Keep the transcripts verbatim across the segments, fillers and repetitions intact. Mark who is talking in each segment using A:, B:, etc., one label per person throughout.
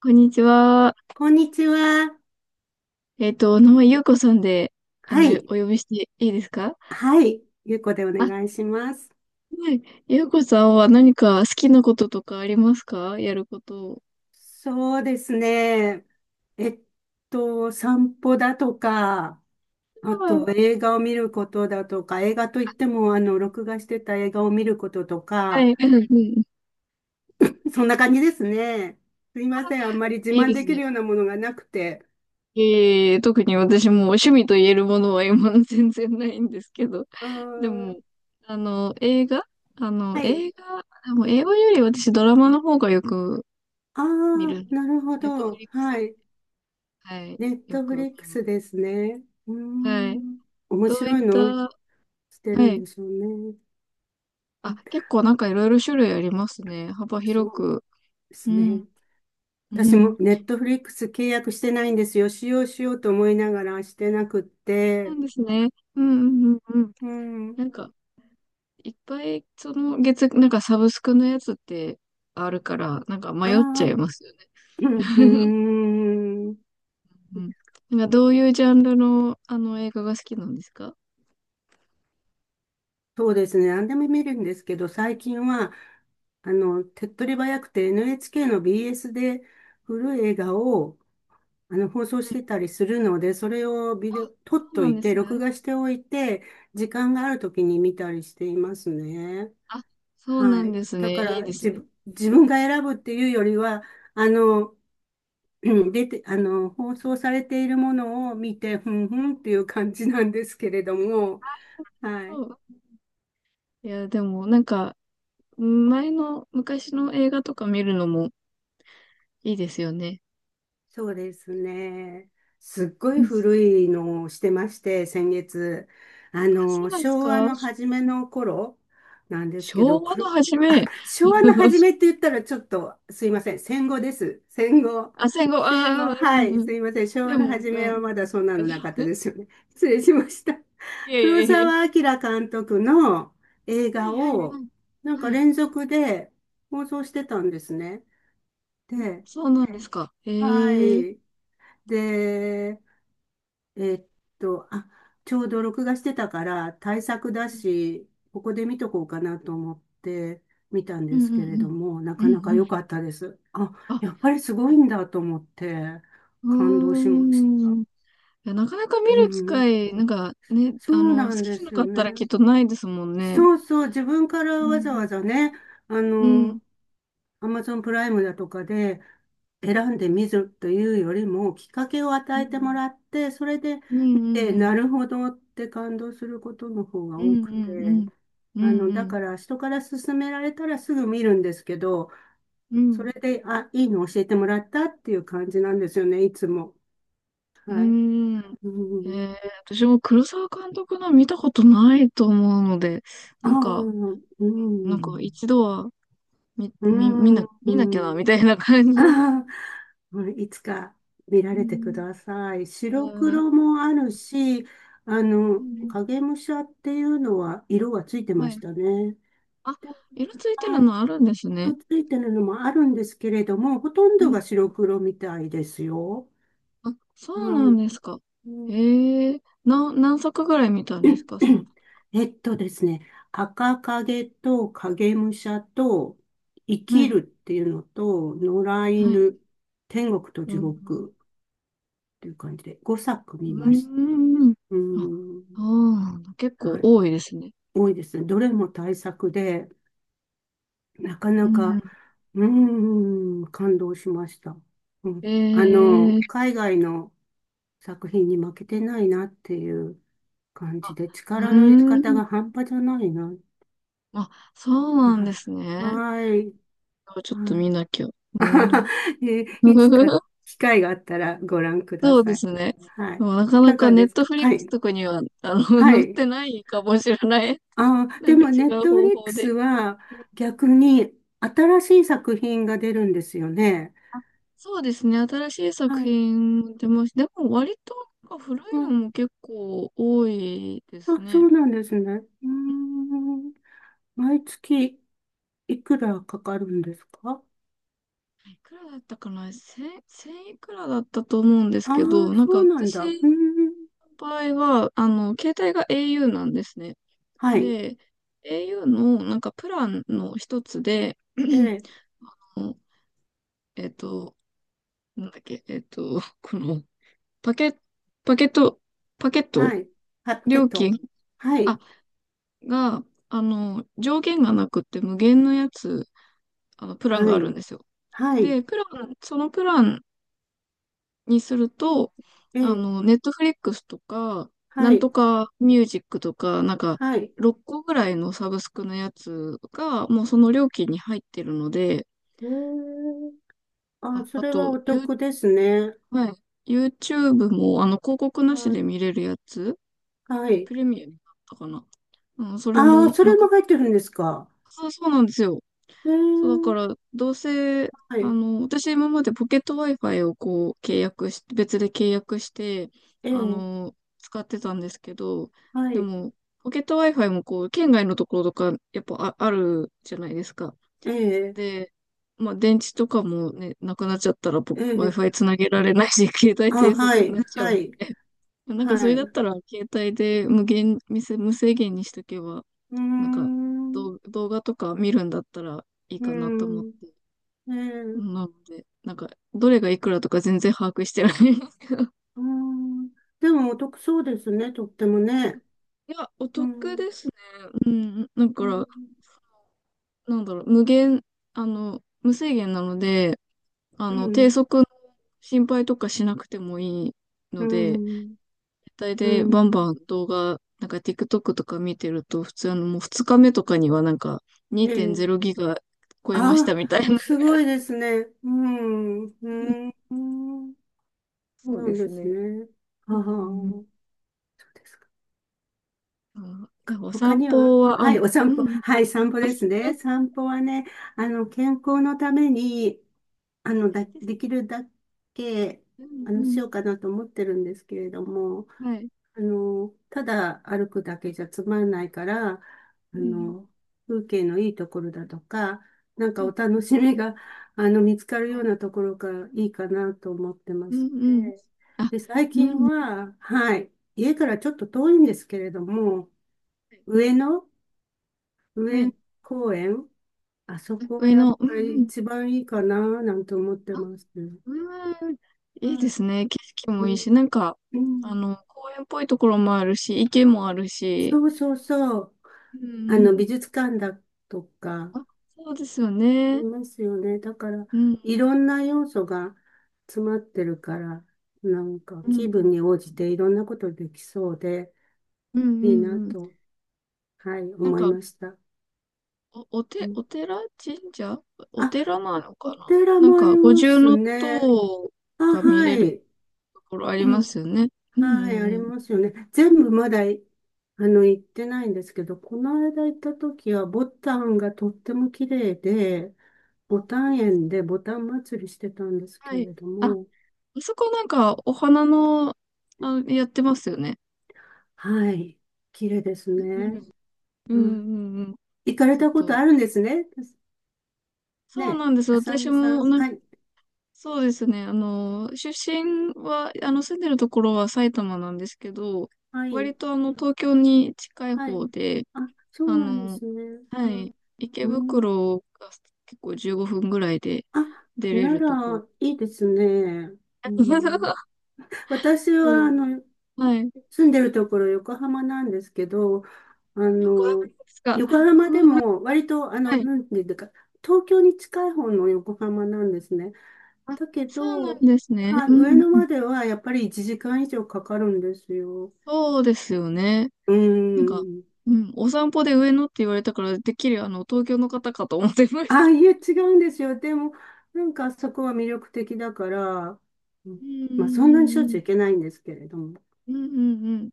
A: こんにちは。
B: こんにちは。
A: えっと、お名前、ゆうこさんで、あ
B: は
A: の、よ
B: い。
A: お呼びしていいですか？
B: はい。ゆうこでお
A: あ、は
B: 願いします。
A: い。ゆうこさんは何か好きなこととかありますか？やること。
B: そうですね。えっと、散歩だとか、あ
A: うん。
B: と映画を見ることだとか、映画といっても、あの、録画してた映画を見ることと
A: は
B: か、
A: い。うんうん。
B: そんな感じですね。すいません。あんまり自
A: いい
B: 慢
A: で
B: で
A: す
B: き
A: ね。
B: るようなものがなくて。
A: えー、特に私も趣味と言えるものは今の 全然ないんですけど。
B: う
A: で
B: ー
A: も、
B: ん。
A: あの、映画あの、
B: はい。
A: 映画、でも映画より私ドラマの方がよく
B: あ
A: 見
B: あ、
A: る。
B: なるほ
A: ネットフ
B: ど。
A: リックスで、
B: はい。
A: はい、
B: ネッ
A: よ
B: トフ
A: く
B: リッ
A: 見
B: ク
A: ます。
B: スですね。うー
A: はい。
B: ん。面
A: どうい
B: 白
A: っ
B: い
A: た、
B: の
A: は
B: してるん
A: い。
B: でしょうね。
A: あ、結構なんかいろいろ種類ありますね。幅
B: そ
A: 広
B: う
A: く。
B: で
A: う
B: す
A: ん。
B: ね。
A: う
B: 私も
A: ん。
B: ネットフリックス契約してないんですよ。使用しようと思いながらしてなくっ
A: そ
B: て。
A: うですね。うんうんうんうん。
B: うん。
A: なんか、いっぱい、その月、なんかサブスクのやつってあるから、なんか
B: あ
A: 迷っちゃい
B: あ、
A: ますよね。
B: う ん、うーん。
A: うん。なんかどういうジャンルの、あの映画が好きなんですか？
B: そうですね。何でも見るんですけど、最近は、あの、手っ取り早くて エヌエイチケー の ビーエス で古い映画をあの放送し
A: はい。
B: てたりするので、それをビデオ、撮っ
A: そう
B: と
A: なん
B: い
A: で
B: て、
A: す
B: 録
A: ね。
B: 画しておいて、時間がある時に見たりしていますね。
A: あ、そうな
B: は
A: ん
B: い。
A: です
B: だ
A: ね。
B: か
A: いい
B: ら、
A: です
B: 自
A: ね。
B: 分、自分が選ぶっていうよりは、あの、うん出て、あの、放送されているものを見て、ふんふんっていう感じなんですけれども、はい。
A: そう。いや、でもなんか、前の昔の映画とか見るのもいいですよね。
B: そうですね。すっご
A: う
B: い
A: ん。
B: 古いのをしてまして、先月。あ
A: あ、そう
B: の、
A: なんです
B: 昭和
A: か？
B: の初めの頃なんですけ
A: 昭
B: ど、
A: 和
B: く
A: の
B: る、
A: 初
B: あ、
A: め、
B: 昭和の初めって言ったらちょっと、すいません。戦後です。戦後。
A: あ、戦後、
B: 戦
A: ああ、
B: 後。
A: うん
B: は
A: うん
B: い。
A: うん。
B: すいません。昭
A: で
B: 和の
A: も、
B: 初
A: う
B: めは
A: ん。
B: まだそんなのなかった ですよね。失礼しました。
A: いやいや
B: 黒
A: いや。
B: 澤明監督の映
A: は
B: 画
A: いはいは
B: を、なん
A: い。
B: か
A: はい。
B: 連続で放送してたんですね。で、
A: そうなんですか。
B: は
A: へえ。う
B: い。で、えーっと、あ、ちょうど録画してたから対策だ
A: ん
B: し、ここで見とこうかなと思って見たん
A: う
B: で
A: ん
B: す
A: う
B: けれど
A: ん。
B: も、な
A: う
B: か
A: んう
B: なか良
A: ん。
B: かったです。あ、
A: あ、
B: やっぱりすご
A: い
B: い
A: や。
B: んだと思って
A: う
B: 感動しまし
A: ー
B: た。
A: ん。いや、なかなか
B: う
A: 見る機
B: ん、
A: 会、なんかね、
B: そ
A: あ
B: う
A: の、
B: な
A: 好
B: ん
A: き
B: で
A: じゃな
B: す
A: か
B: よ
A: ったら
B: ね。
A: きっとないですもんね。
B: そうそう、自分から
A: う
B: わざ
A: ん。
B: わざね、あ
A: うん。
B: の、アマゾンプライムだとかで選んでみるというよりも、きっかけを
A: う
B: 与
A: ん。
B: えてもらって、それで
A: うん
B: 見
A: う
B: て、
A: んうん。
B: なるほどって感動することの方が
A: うん
B: 多
A: う
B: く
A: んう
B: て、
A: ん。う
B: あ
A: ん
B: の、だ
A: う
B: か
A: ん。
B: ら人から勧められたらすぐ見るんですけど、
A: う
B: そ
A: ん。
B: れで、あ、いいの教えてもらったっていう感じなんですよね、いつも。
A: う
B: はい。
A: ーん。
B: う
A: え
B: ん。
A: ー、私も黒沢監督の見たことないと思うので、
B: あ
A: なん
B: あ、
A: か、
B: うん。
A: なんか一度は見、
B: う
A: み見
B: ん。う
A: な、
B: ん。
A: 見なきゃな、み たいな感じの。
B: あーうんいつか見ら
A: う
B: れてく
A: ん。
B: ださい。
A: え
B: 白
A: ー、
B: 黒もあるし、あの、
A: うん。
B: 影武者っていうのは色がついてま
A: は
B: し
A: い。
B: たね。
A: あ、
B: で、
A: 色ついてる
B: はい、
A: のあるんですね。
B: とついてるのもあるんですけれども、ほとん
A: う
B: ど
A: ん。
B: が白黒みたいですよ。
A: あ、そう
B: は
A: なん
B: い。
A: ですか。
B: う
A: え
B: ん
A: ー、な、何作ぐらい見たんですか、その。
B: えっとですね、赤影と影武者と生
A: は
B: き
A: い。
B: るっていうのと野良
A: はい。
B: 犬、天国と
A: う
B: 地
A: ん。
B: 獄っていう感じでごさく
A: う
B: 見ま
A: ー
B: した。
A: ん。
B: う
A: あ、
B: ん。
A: そうなんだ。結
B: は
A: 構
B: い。
A: 多いですね。
B: 多いですね。どれも対策で、なか
A: う
B: な
A: ん。
B: か、うーん、感動しました。う
A: え
B: ん。あの、
A: ー。
B: 海外の作品に負けてないなっていう感じ
A: あ、
B: で、
A: う
B: 力の入れ方
A: ーん。
B: が半端じゃないな。
A: あ、そうなんで
B: は
A: す
B: い。
A: ね。
B: はい。
A: ちょっと
B: は
A: 見
B: い。
A: なきゃ。うー
B: あはは
A: ん。
B: えいつか 機会があったらご覧くだ
A: そうで
B: さい。
A: すね。
B: は
A: で
B: い。
A: もなか
B: い
A: な
B: か
A: か
B: が
A: ネ
B: で
A: ッ
B: す
A: ト
B: か？
A: フリッ
B: は
A: ク
B: い。
A: スとかには、あの、
B: は
A: 載っ
B: い。
A: てないかもしれない。
B: ああ、
A: なん
B: で
A: か
B: も、
A: 違
B: ネッ
A: う
B: トフ
A: 方
B: リック
A: 法
B: ス
A: で。
B: は逆に新しい作品が出るんですよね。
A: あ、そうですね。新しい作
B: はい。
A: 品も出ました。でも割となんか古い
B: は
A: の
B: い。
A: も結構多いです
B: あ、そ
A: ね。
B: うなんですね。うーん。毎月いくらかかるんですか？
A: いくらだったかな。千、千いくらだったと思うんです
B: ああー、
A: けど、なんか
B: そうなん
A: 私
B: だ。うーん。
A: の場合は、あの、携帯が au なんですね。
B: はい。
A: で、au のをなんかプランの一つで、
B: ええ、
A: あのえっと、なんだっけ、えっと、このパケ、パケット、パケッ
B: は
A: ト、
B: い。パッケ
A: 料
B: ット。
A: 金、
B: は
A: あ、
B: い。
A: が、あの、上限がなくって無限のやつ、あの、プラン
B: は
A: がある
B: い。
A: んですよ。
B: はい。
A: で、プラン、そのプランにすると、
B: え
A: あ
B: え、
A: の、ネットフリックスとか、な
B: は
A: ん
B: い。
A: とかミュージックとか、なんか、
B: はい。
A: ろっこぐらいのサブスクのやつが、もうその料金に入ってるので、
B: ええ、あ、
A: あ、
B: そ
A: あ
B: れは
A: と、
B: お
A: ユー、
B: 得ですね。
A: はい、YouTube も、あの、広告なし
B: は
A: で
B: い。
A: 見れるやつ、
B: はい。
A: プレミアムだったかな。うん、それ
B: ああ、
A: も、
B: そ
A: な
B: れ
A: んか、
B: も入ってるんですか？
A: そうそうなんですよ。
B: えー、
A: そう、だから、どうせ、
B: は
A: あ
B: い、
A: の、私今までポケット Wi-Fi をこう、契約し、別で契約して、
B: え
A: あ
B: ー、
A: の、使ってたんですけど、
B: は
A: で
B: い、
A: も、ポケット Wi-Fi もこう、県外のところとか、やっぱあ、あるじゃないですか。
B: えー、
A: で、まあ、電池とかもね、なくなっちゃったら、ぼ
B: えー、
A: Wi-Fi つなげられないし、携帯
B: あ、
A: 低
B: は
A: 速に
B: い、
A: なっちゃう
B: は
A: の
B: い、
A: で、なんかそ
B: は
A: れ
B: い。
A: だっ
B: う
A: たら、携帯で無限、無制無制限にしとけば、
B: ー
A: なんか
B: ん、う
A: 動、動画とか見るんだったらいい
B: ー
A: かなと思っ
B: ん、
A: て、
B: え
A: な
B: ー、
A: ので、なんか、どれがいくらとか全然把握してないんですけど。い
B: うーん。でもお得そうですね、とってもね。
A: や、お
B: う
A: 得
B: ん、
A: ですね。うん、だ
B: う
A: から、
B: ん、
A: なんだろう、無限、あの、無制限なので、あ
B: う
A: の、低
B: ん、
A: 速の心配とかしなくてもいい
B: う
A: ので、
B: ん、
A: 体
B: う
A: でバン
B: ん、
A: バン動画、なんか TikTok とか見てると、普通あのもうふつかめとかにはなんか
B: えー、
A: にーてんれいギガ超えました
B: あ、
A: みたいな。
B: す ごいですね。うん、うん、うんそう
A: そう
B: な
A: で
B: ん
A: す
B: です
A: ね。
B: ね。あ
A: う
B: あ、
A: ん。
B: です
A: あ、でもお
B: 他
A: 散
B: には、
A: 歩は、あ、
B: はい、お
A: う
B: 散歩、
A: ん。
B: はい、散歩
A: あ、
B: で
A: そ
B: す
A: うです。
B: ね。散歩はね、あの、健康のために、あの、だ、
A: いいです
B: できるだけ、
A: ね。
B: あ
A: う
B: の、し
A: ん、
B: ようかなと思ってるんですけれども、
A: うん。はい。
B: あの、ただ歩くだけじゃつまんないから、あ
A: うん。
B: の、風景のいいところだとか、なん
A: う
B: か
A: ん。
B: お楽しみが、あの、見つかる
A: は
B: よ
A: い。
B: うなところがいいかなと思ってま
A: う
B: し
A: ん、うん。
B: て。
A: あ、
B: で、最
A: う
B: 近
A: ん。
B: は、はい、家からちょっと遠いんですけれども、
A: はい
B: 上野
A: は
B: 上野
A: い。
B: 公園、あそこは
A: 上
B: やっ
A: の、うんう
B: ぱり
A: ん。
B: 一番いいかななんて思って
A: あ、
B: ますね。
A: うん。
B: は
A: いいで
B: い
A: すね。景色
B: う
A: もいいし、
B: ん、
A: なんか、
B: う
A: あ
B: ん、
A: の、公園っぽいところもあるし、池もあるし、
B: そうそうそう。
A: う
B: あ
A: んう
B: の、
A: ん。
B: 美術館だとか、あ
A: あ、そうですよ
B: り
A: ね。
B: ますよね。だから、
A: うん、
B: いろんな要素が詰まってるから、なんか
A: うん、う
B: 気
A: ん、
B: 分に応じていろんなことできそうで、
A: うん、う
B: いいな
A: んうん。
B: と、はい、
A: なん
B: 思い
A: か、
B: ました。
A: お、お
B: う
A: て、
B: ん
A: お寺神社お
B: あ、
A: 寺なの
B: お
A: かな、
B: 寺
A: なん
B: もあ
A: か、
B: り
A: 五
B: ま
A: 重
B: すね。
A: 塔
B: あ、
A: が見
B: は
A: れる
B: い。
A: ところありま すよね。うん、うん、
B: はい、あり
A: うん。そ
B: ますよね。全部まだい、あの、行ってないんですけど、この間行った時は、ボタンがとっても綺麗で、ボ
A: うな
B: タ
A: ん
B: ン
A: です
B: 園
A: か。
B: でボタン祭りしてたんです
A: は
B: け
A: い。
B: れど
A: あ、あ
B: も、
A: そこなんか、お花の、あ、やってますよね。
B: はい、綺麗です
A: う
B: ね。
A: ん、うん、う
B: は
A: ん。うん。
B: い、行かれ
A: ちょっ
B: たこと
A: と、
B: あるんですね。
A: そう
B: ね、
A: なんですよ。
B: あさ
A: 私
B: みさ
A: も
B: ん。はい、
A: そうですね。あの、出身は、あの、住んでるところは埼玉なんですけど、
B: はい、
A: 割とあの、東京に近い
B: はい。
A: 方で、
B: あ、そう
A: あ
B: なんで
A: の、
B: すね。
A: は
B: はい
A: い、池
B: うん
A: 袋が結構じゅうごふんぐらいで
B: あ、
A: 出れ
B: な
A: るところ。
B: ら、いいですね。うん 私
A: そ
B: は、あ
A: う。
B: の、
A: はい。
B: 住んでるところ横浜なんですけど、あ
A: 横浜で
B: の、
A: すか。
B: 横
A: う
B: 浜
A: ん
B: で
A: うんうん。
B: も割と、あ
A: は
B: の、
A: い。
B: なんていうか、東京に近い方の横浜なんですね。
A: あ、
B: だけ
A: そうなん
B: ど、
A: ですね。
B: まあ、
A: う
B: 上
A: ん
B: 野
A: うん。
B: まではやっぱりいちじかん以上かかるんですよ。
A: そうですよね。
B: う
A: なんか、
B: ーん。
A: うん、お散歩で上野って言われたから、てっきりあの、東京の方かと思ってまし
B: ああ、
A: た。
B: いや、違うんですよ。でも、なんかそこは魅力的だから、うん
A: うんうん
B: まあ、そんなにし
A: う
B: ょ
A: ん
B: っ
A: う
B: ちゅう
A: ん。
B: 行けないんですけれども。
A: うんうんうん。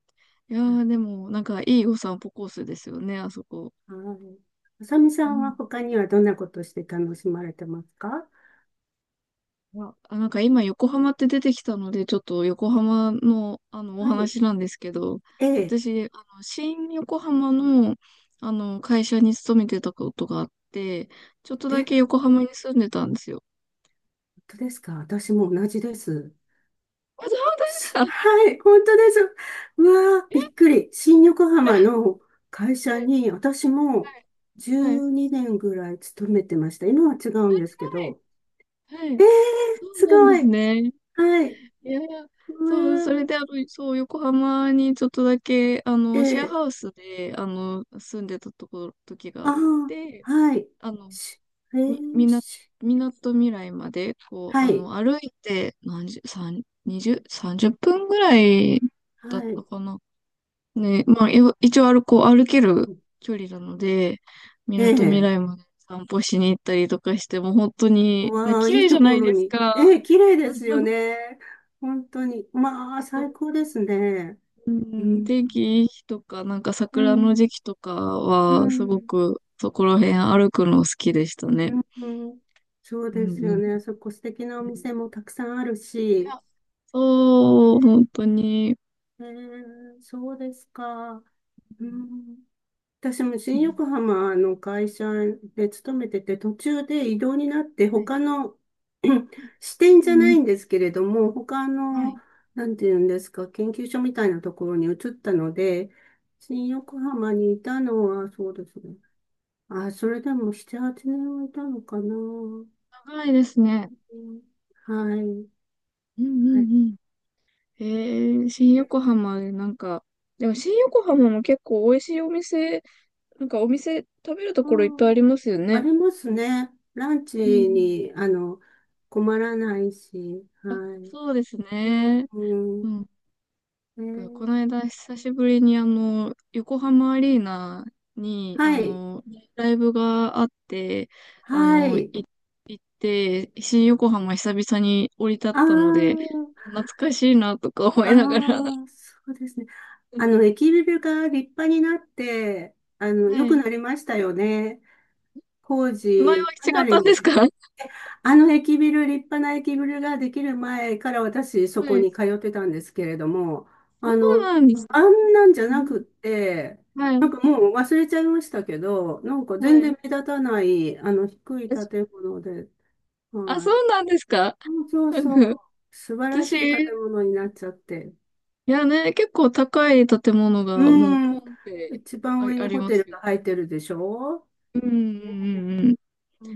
A: いやー、でも、なんか、いいお散歩コースですよね、あそこ。
B: はい。あさみさ
A: う
B: ん
A: ん。
B: は他にはどんなことして楽しまれてますか？
A: いやあ、なんか今、横浜って出てきたので、ちょっと横浜の、あの、お
B: はい。
A: 話なんですけど、
B: ええ。
A: 私、あの、新横浜の、あの、会社に勤めてたことがあって、ちょっとだ
B: え
A: け横浜に住んでたんですよ。
B: 当ですか？私も同じです。
A: あ、そうです
B: し
A: か。
B: はい、本当です。うわー、びっくり。新横 浜
A: は
B: の会社
A: い、
B: に私も
A: はい、はい、
B: じゅうにねんぐらい勤めてました。今は違うんです
A: は
B: け
A: い。
B: ど。
A: は
B: え
A: い。
B: ー、
A: そう
B: す
A: なんで
B: ご
A: す
B: い。
A: ね。
B: はい。
A: いやいや、
B: う
A: そう、それ
B: わ
A: で、あの、そう、横浜にちょっとだけ、あ
B: ー、え
A: の、シェア
B: ー、
A: ハウスで、あの、住んでたところ、時があ
B: あ
A: っ
B: ー、
A: て、
B: はい。
A: あの、
B: しえ
A: み、み
B: ー、
A: な、
B: し
A: みなとみらいまで、こう、
B: は
A: あ
B: い、
A: の、歩いて、何十、三、二十、さんじゅっぷんぐらいだっ
B: は
A: た
B: い。
A: かな。ね、まあ、よ一応歩こう、歩ける距離なので、み
B: え
A: なとみらい
B: え、
A: まで散歩しに行ったりとかして、もう本当に、ね、
B: わあ、
A: 綺
B: いい
A: 麗じゃ
B: と
A: な
B: こ
A: い
B: ろ
A: です
B: に。
A: か。
B: ええ、綺麗ですよ ね。本当に。まあ、最高ですね。
A: う
B: う
A: ん、
B: ん、
A: 天気いい日とか、なんか
B: う
A: 桜の
B: ん、
A: 時期とか
B: う
A: は、すご
B: ん、
A: くそこら辺歩くの好きでした
B: う
A: ね。
B: ん、うんそう
A: う
B: です
A: んう
B: よ
A: ん。
B: ね。そこ素敵なお
A: うん。
B: 店もたくさんある
A: い
B: し。
A: や、
B: ね
A: そう、本当に。
B: えーそうですか。うん、私も
A: う
B: 新
A: ん。
B: 横浜の会社で勤めてて、途中で異動になって、
A: はい。
B: 他の 支
A: う
B: 店じゃ
A: んう
B: ない
A: ん、
B: んですけれども、他
A: は
B: の、
A: い。
B: なんていうんですか、研究所みたいなところに移ったので、新横浜にいたのは、そうですね。あ、それでもなな、はちねんはいたのかな。う
A: 長いですね。
B: んはい。
A: うんう
B: はい。
A: んうん。えー、新
B: え
A: 横浜でなんか、でも新横浜も結構美味しいお店、なんかお店食べると
B: あ
A: ころいっぱいあ
B: ー、
A: りますよ
B: あ
A: ね。
B: りますね。ランチ
A: うんうん。
B: に、あの、困らないし。は
A: あ、
B: い。
A: そうです
B: うん、
A: ね。
B: う
A: う
B: ん
A: ん。
B: え
A: この
B: ー
A: 間久しぶりにあの、横浜アリーナに、あ
B: はい。
A: の、ライブがあって、あ
B: は
A: の、
B: い。
A: い行って、新横浜久々に降り立っ
B: あ
A: たので、
B: あ、
A: 懐かしいなとか思
B: あ
A: いながら。
B: あ、そうですね。あ の、駅ビルが立派になって、あの、
A: は
B: 良く
A: い。
B: なりましたよね。工
A: 前は
B: 事、か
A: 違っ
B: な
A: たん
B: り
A: です
B: 時
A: か？ は
B: あの駅ビル、立派な駅ビルができる前から私そこ
A: い。
B: に通ってたんですけれども、
A: そ
B: あ
A: う
B: の、
A: なんです
B: あ
A: か。
B: んなんじゃ
A: う
B: な
A: ん。
B: くって、
A: は
B: なん
A: い。
B: かもう忘れちゃいましたけど、なんか
A: は
B: 全然
A: い。
B: 目立たない、あの低い建物で、
A: あ、
B: は
A: そ
B: い。
A: うなんですか。
B: そうそう
A: なん
B: そう、
A: か
B: 素晴らしい建
A: 私、
B: 物になっちゃって。
A: いやね、結構高い建物がもう
B: う
A: ポ
B: ん、
A: ンって、
B: 一番
A: あ、
B: 上
A: あ
B: に
A: り
B: ホ
A: ま
B: テ
A: す
B: ル
A: よね。
B: が入ってるでしょ
A: うんうん
B: ね。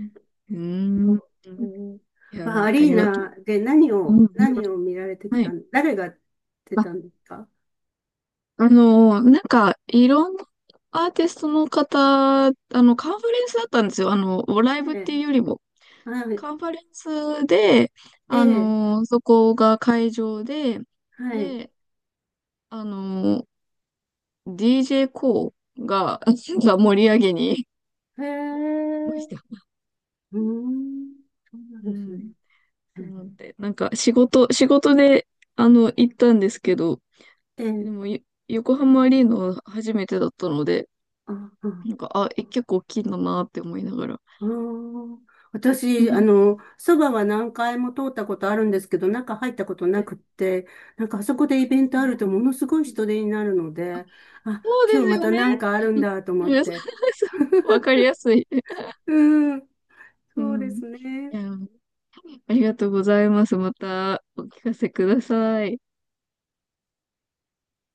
A: うんうん。う
B: そ
A: ーん。
B: う、うん、
A: いや、
B: まあ、
A: わ
B: ア
A: かり
B: リー
A: ます。
B: ナで何
A: うん
B: を、
A: うん。
B: 何を見られてき
A: はい。
B: たん、誰が出
A: あ、
B: たんですか？
A: あのーなんか、いろんなアーティストの方、あの、カンファレンスだったんですよ。あの、ライ
B: え
A: ブっていう
B: え、
A: よりも。
B: はい、
A: カンファレンスで、
B: え
A: あ
B: え、
A: のーそこが会場で、
B: はい、
A: で、あのー ディージェー コーが、が盛り上げに、
B: へ
A: まし
B: え。
A: た。
B: うん、そうなん
A: う
B: ですね。
A: ん。
B: え
A: そうなんで、なんか仕事、仕事で、あの、行ったんですけど、
B: え、
A: で
B: ええ
A: も、よ横浜アリーナは初めてだったので、
B: あ、あ、
A: なんか、あ、え、結構大きいんだなって思いながら。
B: あー、私、あ の、そばは何回も通ったことあるんですけど、中入ったこと
A: は
B: な
A: い。
B: くって、なんかあそこでイ
A: そう
B: ベ
A: で
B: ン
A: す
B: トあ
A: ね。
B: るとものすごい
A: うん。
B: 人手になるので、あ、
A: そう
B: 今日
A: です
B: ま
A: よ
B: た
A: ね。
B: なんかあるん だと思っ
A: うん。そ
B: て、
A: うそう。 わかりやすい。
B: うん
A: う
B: そうで
A: ん。
B: す
A: い
B: ね。
A: や、ありがとうございます。またお聞かせください。